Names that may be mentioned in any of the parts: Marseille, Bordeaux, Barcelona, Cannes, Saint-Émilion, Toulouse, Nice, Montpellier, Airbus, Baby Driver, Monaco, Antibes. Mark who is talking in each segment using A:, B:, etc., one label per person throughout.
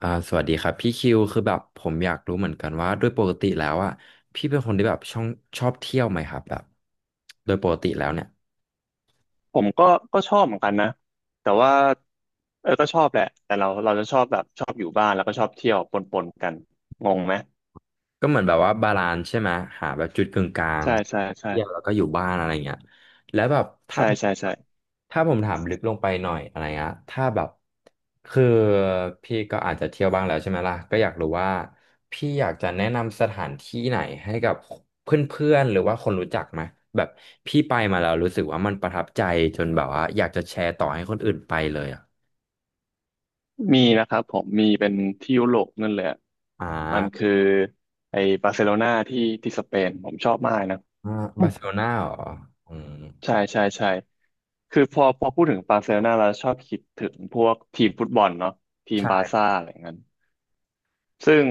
A: สวัสดีครับพี่คิวคือแบบผมอยากรู้เหมือนกันว่าด้วยปกติแล้วอ่ะพี่เป็นคนที่แบบช่องชอบเที่ยวไหมครับแบบโดยปกติแล้วเนี่ย
B: ผมก็ชอบเหมือนกันนะแต่ว่าก็ชอบแหละแต่เราจะชอบแบบชอบอยู่บ้านแล้วก็ชอบเที่ยวปนกันงงไหม
A: ก็เหมือนแบบว่าบาลานซ์ใช่ไหมหาแบบจุดกึ่งกลาง
B: ใช่ใช่ใช่
A: เที่ยวแล้วก็อยู่บ้านอะไรเงี้ยแล้วแบบถ้า
B: ใช่
A: ผม
B: ใช่ใช่
A: ถ้าผมถามลึกลงไปหน่อยอะไรเงี้ยถ้าแบบคือพี่ก็อาจจะเที่ยวบ้างแล้วใช่ไหมล่ะก็อยากรู้ว่าพี่อยากจะแนะนำสถานที่ไหนให้กับเพื่อนๆหรือว่าคนรู้จักไหมแบบพี่ไปมาแล้วรู้สึกว่ามันประทับใจจนแบบว่าอยากจะแชร์ต่อให้คนอื่นไปเลยอ่ะ
B: มีนะครับผมมีเป็นที่ยุโรปนั่นแหละ
A: อ่
B: มัน
A: า
B: คือไอ้บาร์เซโลนาที่ที่สเปนผมชอบมากนะ
A: อ่า บาร์เซโลนาเหรออืม
B: ใช่ใช่ใช่คือพอพูดถึงบาร์เซโลนาเราชอบคิดถึงพวกทีมฟุตบอลเนาะทีมบาร์
A: ใช่
B: ซ่าอะไรเงี้ย ซึ่ง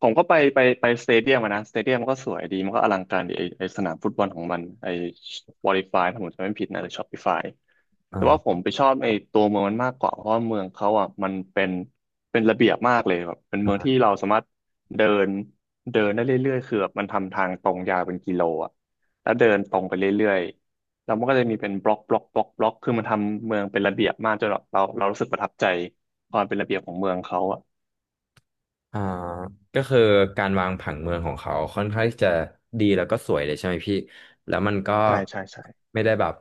B: ผมก็ไปสเตเดียมอะนะสเตเดียมมันก็สวยดีมันก็อลังการดีไอสนามฟุตบอลของมันไอวอลิฟายถ้าผมจำไม่ผิดนะหรือชอปปี้ฟายแต่ว่าผ
A: อ่า
B: มไปชอบไอตัวเมืองมันมากกว่าเพราะว่าเมืองเขาอ่ะมันเป็นระเบียบมากเลยแบบเป็นเมืองที่เราสามารถเดินเดินได้เรื่อยๆคือแบบมันทำทางตรงยาวเป็นกิโลอ่ะแล้วเดินตรงไปเรื่อยๆแล้วมันก็จะมีเป็นบล็อกคือมันทำเมืองเป็นระเบียบมากจนแบบเรารู้สึกประทับใจความเป็นระเบียบของเมืองเขาอ่ะ
A: อ่าก็คือการวางผังเมืองของเขาค่อนข้างที่จะดีแล้วก็สวยเลยใช่ไหมพี่แล้วมันก็
B: ใช่ใช่ใช่
A: ไม่ได้แบบ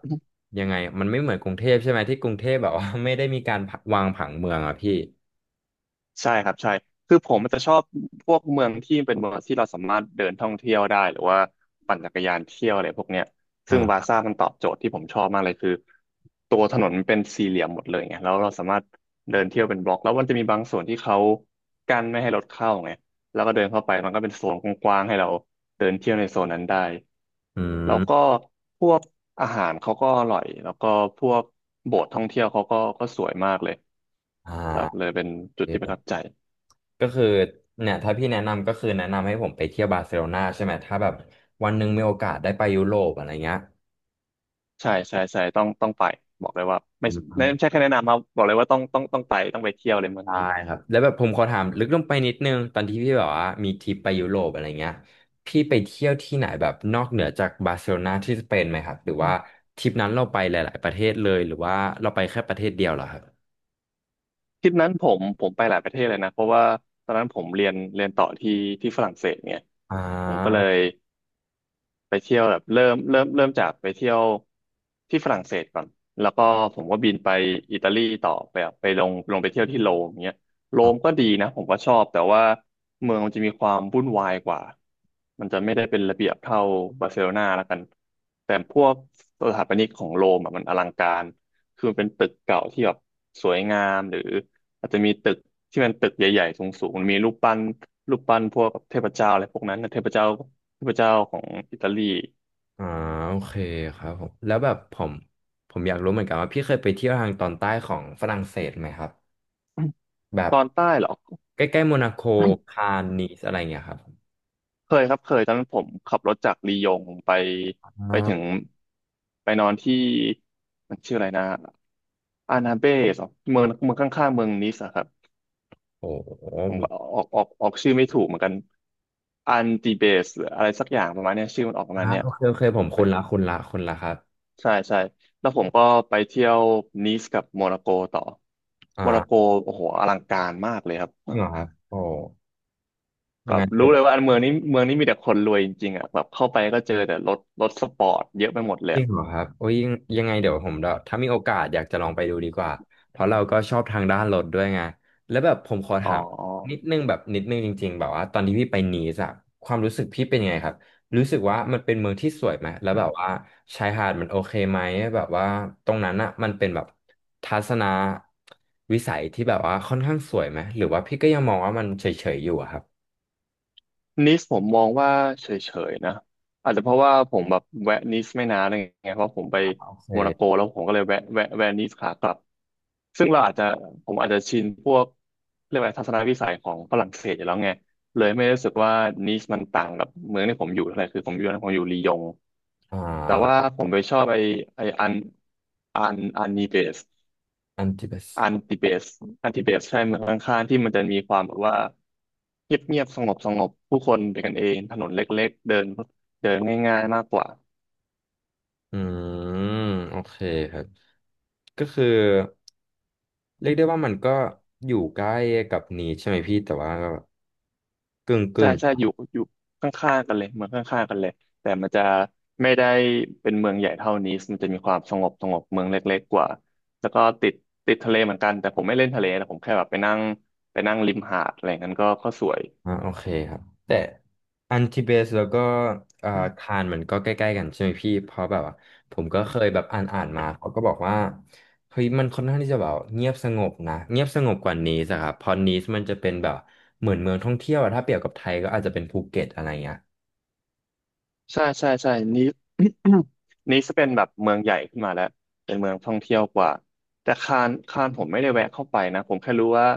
A: ยังไงมันไม่เหมือนกรุงเทพใช่ไหมที่กรุงเทพแบบว่า ไม่ได้มีการวางผังเมืองอะพี่
B: ใช่ครับใช่คือผมมันจะชอบพวกเมืองที่เป็นเมืองที่เราสามารถเดินท่องเที่ยวได้หรือว่าปั่นจักรยานเที่ยวอะไรพวกเนี้ย
A: อ่
B: ซึ่งวา
A: า
B: ซ่ามันตอบโจทย์ที่ผมชอบมากเลยคือตัวถนนมันเป็นสี่เหลี่ยมหมดเลยไงแล้วเราสามารถเดินเที่ยวเป็นบล็อกแล้วมันจะมีบางส่วนที่เขากั้นไม่ให้รถเข้าไงแล้วก็เดินเข้าไปมันก็เป็นโซนกว้างๆให้เราเดินเที่ยวในโซนนั้นได้
A: อื
B: แล้
A: ม
B: วก็พวกอาหารเขาก็อร่อยแล้วก็พวกโบสถ์ท่องเที่ยวเขาก็สวยมากเลย
A: อ่
B: แบบเล
A: า
B: ยเป็นจุ
A: โอ
B: ดที่ประทับ
A: เค
B: ใจ
A: ก็คือเนี่ยถ้าพี่แนะนำก็คือแนะนำให้ผมไปเที่ยวบาร์เซโลนาใช่ไหมถ้าแบบวันหนึ่งมีโอกาสได้ไปยุโรปอะไรเงี้ย
B: ใช่ใช่ใช่ต้องไปบอกเลยว่า
A: อื
B: ไม่
A: ม
B: ใช่แค่แนะนำครับบอกเลยว่าต้องไปต้องไปเที่ยวเลยเมือง
A: ใช่
B: นี้
A: ครับแล้วแบบผมขอถามลึกลงไปนิดนึงตอนที่พี่แบบว่ามีทริปไปยุโรปอะไรเงี้ยพี่ไปเที่ยวที่ไหนแบบนอกเหนือจากบาร์เซโลนาที่สเปนไหมครับหรือ
B: อื
A: ว่า
B: ม
A: ทริปนั้นเราไปหลายๆประเทศเลยหรือว่าเราไปแค่ประเทศเดียวเหรอครับ
B: ทริปนั้นผมไปหลายประเทศเลยนะเพราะว่าตอนนั้นผมเรียนต่อที่ฝรั่งเศสเนี่ย
A: อ่
B: ผมก็เล
A: า
B: ย ไปเที่ยวแบบเริ่มจากไปเที่ยวที่ฝรั่งเศสก่อนแล้วก็ผมก็บินไปอิตาลีต่อไปแบบไปลงไปเที่ยวที่โรมเงี้ยโร
A: อ๋
B: มก็
A: อ
B: ดีนะผมก็ชอบแต่ว่าเมืองมันจะมีความวุ่นวายกว่ามันจะไม่ได้เป็นระเบียบเท่าบาร์เซโลนาแล้วกันแต่พวกสถาปนิกของโรมอะมันอลังการคือมันเป็นตึกเก่าที่แบบสวยงามหรือ อาจจะมีตึกที่มันตึกใหญ่ๆสูงๆมันมีรูปปั้นพวกเทพเจ้าอะไรพวกนั้นนะเทพเจ้าของอิตาลี
A: อ่าโอเคครับผมแล้วแบบผมอยากรู้เหมือนกันว่าพี่เคยไปเที่ยวทางตอนใต้ของฝรั่งเศสไหมครับแบ บ
B: ตอนใต้เหรอ
A: ใกล้ๆโมนาโกคานนีสอะไรเงี้ยครับ
B: เคยครับเคยตอนนั้นผมขับรถจากลียงไป
A: อ่า
B: ไปถึงไปนอนที่มันชื่ออะไรนะอานาเบสเหรอเมืองข้างๆเมืองนิสอะครับ
A: โอ้โห
B: ผมก็ออกชื่อไม่ถูกเหมือนกันอันติเบสหรืออะไรสักอย่างประมาณเนี้ยชื่อมันออกประมาณ
A: อ่า
B: เนี้ย
A: โอเคโอเคผมคุณละคุณละคุณละครับ
B: ใช่ใช่แล้วผมก็ไปเที่ยวนีสกับโมร็อกโกต่อ
A: อ่า
B: โมร็อกโกโอ้โหอลังการมากเลยครับ
A: จริงเหรอครับโอ้
B: แบบ
A: งั้นเดี๋
B: รู้
A: ยวแบ
B: เลย
A: บ
B: ว่าอันเมืองนี้มีแต่คนรวยจริงๆอ่ะแบบเข้าไปก็เจอแต่รถสปอร์ตเยอะไปหมดเลย
A: จริ
B: อะ
A: งเหรอครับโอ้ยยังไงเดี๋ยวผมเดี๋ยวถ้ามีโอกาสอยากจะลองไปดูดีกว่าเพราะเราก็ชอบทางด้านรถด้วยไงแล้วแบบผมขอ
B: อ๋อ
A: ถามนิดนึงแบบนิดนึงจริงๆแบบว่าตอนที่พี่ไปนีสอะความรู้สึกพี่เป็นยังไงครับรู้สึกว่ามันเป็นเมืองที่สวยไหมแล้วแบบว่าชายหาดมันโอเคไหมแบบว่าตรงนั้นอะมันเป็นแบบทัศนวิสัยที่แบบว่าค่อนข้างสวยไหมหรือว่าพี่ก็ยังมองว่ามันเฉยๆอยู่อะครับ
B: นิสผมมองว่าเฉยๆนะอาจจะเพราะว่าผมแบบแวะนิสไม่นานอะไรเงี้ยเพราะผมไป
A: โอเ
B: โมนาโก
A: ค
B: แล้วผมก็เลยแวะนิสขากลับซึ่งเราอาจจะผมอาจจะชินพวกเรียกว่าทัศนวิสัยของฝรั่งเศสอยู่แล้วไงเลยไม่ได้รู้สึกว่านิสมันต่างกับเมืองที่ผมอยู่เท่าไหร่คือผมอยู่ลียง
A: อ่
B: แต่ว่า
A: า
B: ผมไปชอบไออันนีเบส
A: อันที่เบส
B: อันติเบสอันติเบสใช่เมืองข้างๆที่มันจะมีความแบบว่าเงียบเงียบสงบสงบผู้คนเป็นกันเองถนนเล็กๆเดินเดินง่ายๆมากกว่า
A: อืมโอเคครับก็คือเรียกได้ว่ามันก็อยู่ใกล้กับนี้ใช่ไหมพี่แต่ว่าก็กึ่ง
B: ใช่
A: กึ่ง
B: ใช่อยู่ข้างๆกันเลยเมืองข้างๆกันเลยแต่มันจะไม่ได้เป็นเมืองใหญ่เท่านี้มันจะมีความสงบสงบเมืองเล็กๆกว่าแล้วก็ติดทะเลเหมือนกันแต่ผมไม่เล่นทะเลแต่ผมแค่แบบไปนั่งริมหาดอะไรอย่างนั้นก็สวย
A: อ่าโอเคครับแต่อันทิเบสแล้วก็เอ่อคานมันก็ใกล้ๆกันใช่ไหมพี่เพราะแบบว่าผมก็เคยแบบอ่านมาเขาก็บอกว่าเฮ้ยมันค่อนข้างที่จะแบบเงียบสงบนะเงียบสงบกว่านีสอะครับเพราะนีสมันจะเป็นแบบเหมือนเมืองท่องเที่ยวอะถ้าเปรียบกับไทยก็อาจจะเป็นภูเก็ตอะไรเงี้ย
B: ใช่ใช่ใช่นี้ นี้จะเป็นแบบเมืองใหญ่ขึ้นมาแล้วเป็นเมืองท่องเที่ยวกว่าแต่คานผมไม่ได้แวะเข้าไปนะผมแค่รู้ว่า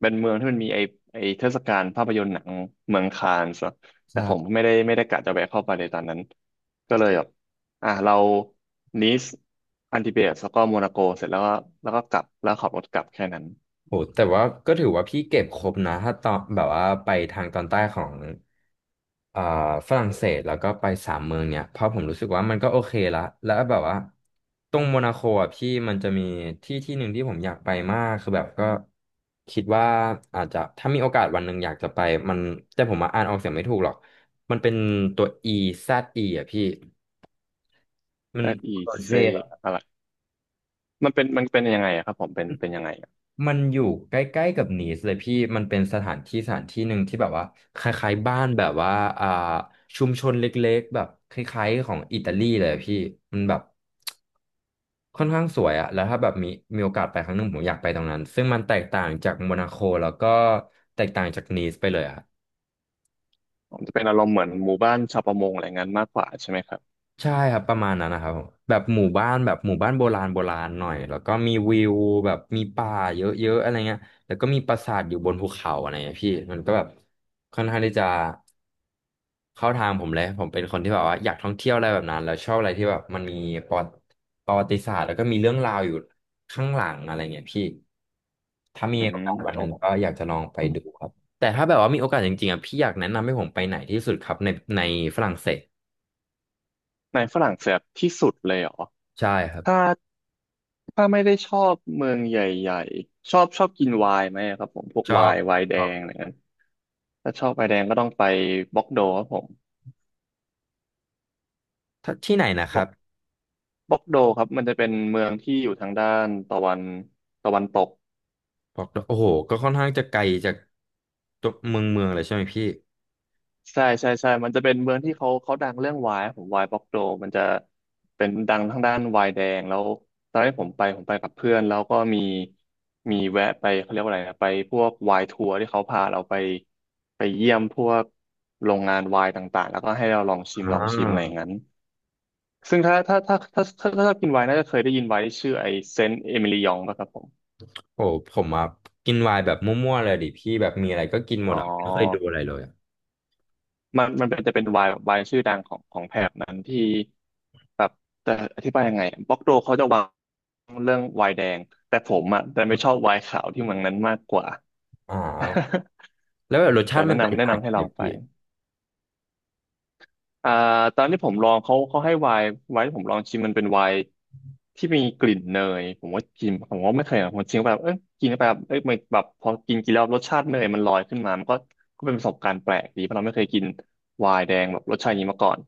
B: เป็นเมืองที่มันมีไอไอเทศกาลภาพยนตร์หนังเมืองคานส์อะแต่ผม
A: ใช่
B: ไม่ได้กะจะแวะเข้าไปในตอนนั้นก็เลยแบบอ่ะเรานีสอันติเบตแล้วก็โมนาโกเสร็จแล้วก็แล้วก็กลับแล้วขับรถกลับแค่นั้น
A: โหแต่ว่าก็ถือว่าพี่เก็บครบนะถ้าตอนแบบว่าไปทางตอนใต้ของอ่าฝรั่งเศสแล้วก็ไป3 เมืองเนี่ยเพราะผมรู้สึกว่ามันก็โอเคละแล้วแบบว่าตรงโมนาโคอ่ะพี่มันจะมีที่ที่หนึ่งที่ผมอยากไปมากคือแบบก็คิดว่าอาจจะถ้ามีโอกาสวันหนึ่งอยากจะไปมันแต่ผมมาอ่านออกเสียงไม่ถูกหรอกมันเป็นตัว Eze อ่ะพี่มัน
B: แต่อี
A: โรเซ
B: เซอะไรมันเป็นยังไงอะครับผมเป็นยังไง
A: มันอยู่ใกล้ๆกับนีสเลยพี่ มันเป็นสถานที่หนึ่งที่แบบว่าคล้ายๆบ้านแบบว่าอ่าชุมชนเล็กๆแบบคล้ายๆของอิตาลีเลยอะพี่ มันแบบค่อนข้างสวยอะแล้วถ้าแบบมีโอกาสไปครั้งหนึ่งผมอยากไปตรงนั้น ซึ่งมันแตกต่างจากโมนาโคแล้วก็แตกต่างจากนีสไปเลยอะ
B: ผมจะเป็นอารมณ์เหมือนหมู่บ้านชาวประมงอะไรงั้นมากกว่าใช่ไหมครับ
A: ใช่ครับประมาณนั้นนะครับผมแบบหมู่บ้านแบบหมู่บ้านโบราณโบราณหน่อยแล้วก็มีวิวแบบมีป่าเยอะๆอะไรเงี้ยแล้วก็มีปราสาทอยู่บนภูเขาอะไรเงี้ยพี่มันก็แบบค่อนข้างที่จะเข้าทางผมเลยผมเป็นคนที่แบบว่าอยากท่องเที่ยวอะไรแบบนั้นแล้วชอบอะไรที่แบบมันมีประวัติประวัติศาสตร์แล้วก็มีเรื่องราวอยู่ข้างหลังอะไรเงี้ยพี่ถ้า
B: อื
A: มีโอ
B: ม
A: กาสวันห
B: โอ้
A: นึ่งก็อยากจะลองไปดูครับแต่ถ้าแบบว่ามีโอกาสจริงๆอ่ะพี่อยากแนะนำให้ผมไปไหนที่สุดครับในในฝรั่งเศส
B: ในฝรั่งเศสที่สุดเลยเหรอ
A: ใช่ครั
B: ถ้า
A: บ
B: ถ้าไม่ได้ชอบเมืองใหญ่ๆชอบกินไวน์ไหมครับผมพวก
A: ช
B: ไว
A: อ
B: น์ไว
A: บ
B: น์แดงอะไรเงี้ยถ้าชอบไวน์แดงก็ต้องไปบ็อกโดครับผม
A: ถ้าที่ไหนนะค
B: บ็
A: รั
B: อ
A: บ
B: กบ็อกโดครับมันจะเป็นเมืองที่อยู่ทางด้านตะวันตก
A: บอกดโอ้โหก็ค่อนข้างจะไกลจากตัวเมืองเลยใช่ไหมพี่
B: ใช่ใช่ใช่ มันจะเป็นเมืองที่เขาดังเรื่องไวน์ผมไวน์บล็อกโดมันจะเป็นดังทางด้านไวน์แดงแล้วตอนที่ผมไปผมไปกับเพื่อนแล้วก็มีแวะไปเขาเรียกว่าอะไรนะไปพวกไวน์ทัวร์ที่เขาพาเราไปไปเยี่ยมพวกโรงงานไวน์ต่างๆแล้วก็ให้เราลองชิม
A: อ่า
B: อะไรอย่างนั้นซึ่งถ้าชอบกินไวน์น่าจะเคยได้ยินไวน์ที่ชื่อไอเซนต์เอมิลียองป่ะครับผม
A: โอ้ผมอ่ะกินไวน์แบบมั่วๆเลยดิพี่แบบมีอะไรก็กินหม
B: อ๋อ
A: ดอ่ะไม่เคยดูอะไรเลยอะ
B: มันจะเป็นวายชื่อดังของแถบนั้นที่แบบแต่อธิบายยังไงบล็อกโดเขาจะวางเรื่องวายแดงแต่ผมอ่ะแต่ไม่ชอบวายขาวที่เมืองนั้นมากกว่า
A: อ่า แล้วแบบรสชา
B: แต่
A: ติมั
B: แนะ
A: นแต
B: นำ
A: ก
B: แนะ
A: ต่าง
B: นำ
A: กั
B: ให้
A: น
B: ล
A: เล
B: อ
A: ย
B: งไป
A: พี่
B: อ่าตอนที่ผมลองเขาให้ไวน์ไวน์ที่ผมลองชิมมันเป็นไวน์ที่มีกลิ่นเนยผมว่ากินผมว่าไม่เคยนะผมชิมไปแบบเอ้ยกิน้ไปแบบเอ้ยมันแบบพอกินกินแล้วรสชาติเนยมันลอยขึ้นมามันก็ก็เป็นประสบการณ์แปลกดีเพราะเราไม่เคยกินไวน์แดงแบบรสชาติอย่างนี้มาก่อน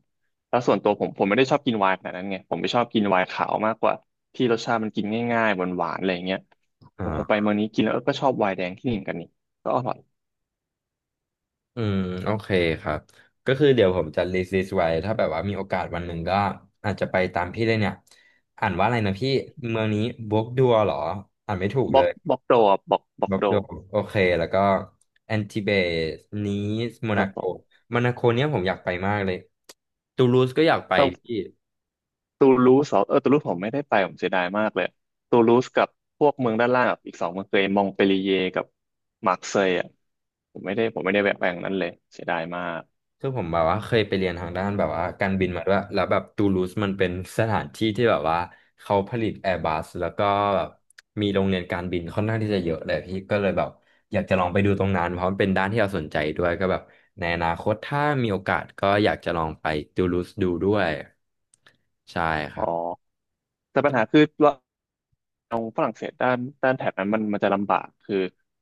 B: แล้วส่วนตัวผมไม่ได้ชอบกินไวน์ขนาดนั้นไงผมไม่ชอบกินไวน์ขาวมากกว่าที่รสชาติมันกินง่ายๆหวานๆอะไรอย่างเงี้ยแต่พอไป
A: อ่า
B: เมืองนี้กินแล้วเออก็ชอบไวน์แดงที่นี่เหมือนกันนี่ก็อร่อย
A: อืมโอเคครับก็คือเดี๋ยวผมจะ list ไว้ถ้าแบบว่ามีโอกาสวันหนึ่งก็อาจจะไปตามพี่เลยเนี่ยอ่านว่าอะไรนะพี่เมืองนี้บวกดัวเหรออ่านไม่ถูก
B: บ
A: เล
B: อก
A: ย
B: บอกโดอ่ะบอกบอ
A: บ
B: ก
A: ล็อก
B: โด
A: โดโอเคแล้วก็แอนติเบสนีสโม
B: ครั
A: นา
B: บ
A: โก
B: ผ
A: โมนาโกเนี่ยผมอยากไปมากเลยตูลูสก็อยากไป
B: ม
A: พี่
B: ตูลูสเหรอเออตูลูสผมไม่ได้ไปผมเสียดายมากเลยตูลูสกับพวกเมืองด้านล่างอะอีกสองเมืองเคยมองเปลีเยกับมาร์เซยอ่ะผมไม่ได้แวะไปอย่างนั้นเลยเสียดายมาก
A: คือผมแบบว่าเคยไปเรียนทางด้านแบบว่าการบินมาด้วยแล้วแบบตูลูสมันเป็นสถานที่ที่แบบว่าเขาผลิตแอร์บัสแล้วก็แบบมีโรงเรียนการบินค่อนข้างที่จะเยอะเลยพี่ก็เลยแบบอยากจะลองไปดูตรงนั้นเพราะมันเป็นด้านที่เราสนใจด้วยก็แบบในอนาคตถ้ามีโอกาสก็อยากจะลองไปตูลูสดูด้วยใช่ค
B: อ๋
A: รั
B: อ
A: บ
B: แต่ปัญหาคือว่าเอาฝรั่งเศสด้านแถบนั้นมันจะลำบากคือ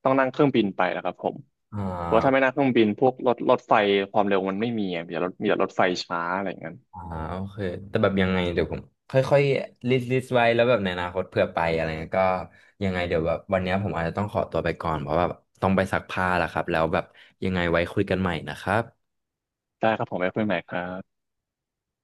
B: ต้องนั่งเครื่องบินไปนะครับผม
A: อ่
B: เพราะว่าถ้าไม่
A: า
B: นั่งเครื่องบินพวกรถไฟความเร็วมันไม่มีอะมีแต่รถมีแต่รถไฟช้าอะไรอย่างนั้น
A: อ่าโอเค แต่แบบยังไงเดี๋ยวผมค่อยๆ ลิสต์ไว้แล้วแบบในอนาคตเผื่อไปอะไรเงี้ยก็ยังไงเดี๋ยวแบบวันเนี้ยผมอาจจะต้องขอตัวไปก่อนเพราะว่าต้องไปซักผ้าแล้วครับ แล้วแบบยังไงไว้คุยกันใหม่นะครับ
B: ได้ครับผมไว้คุยใหม่ครับ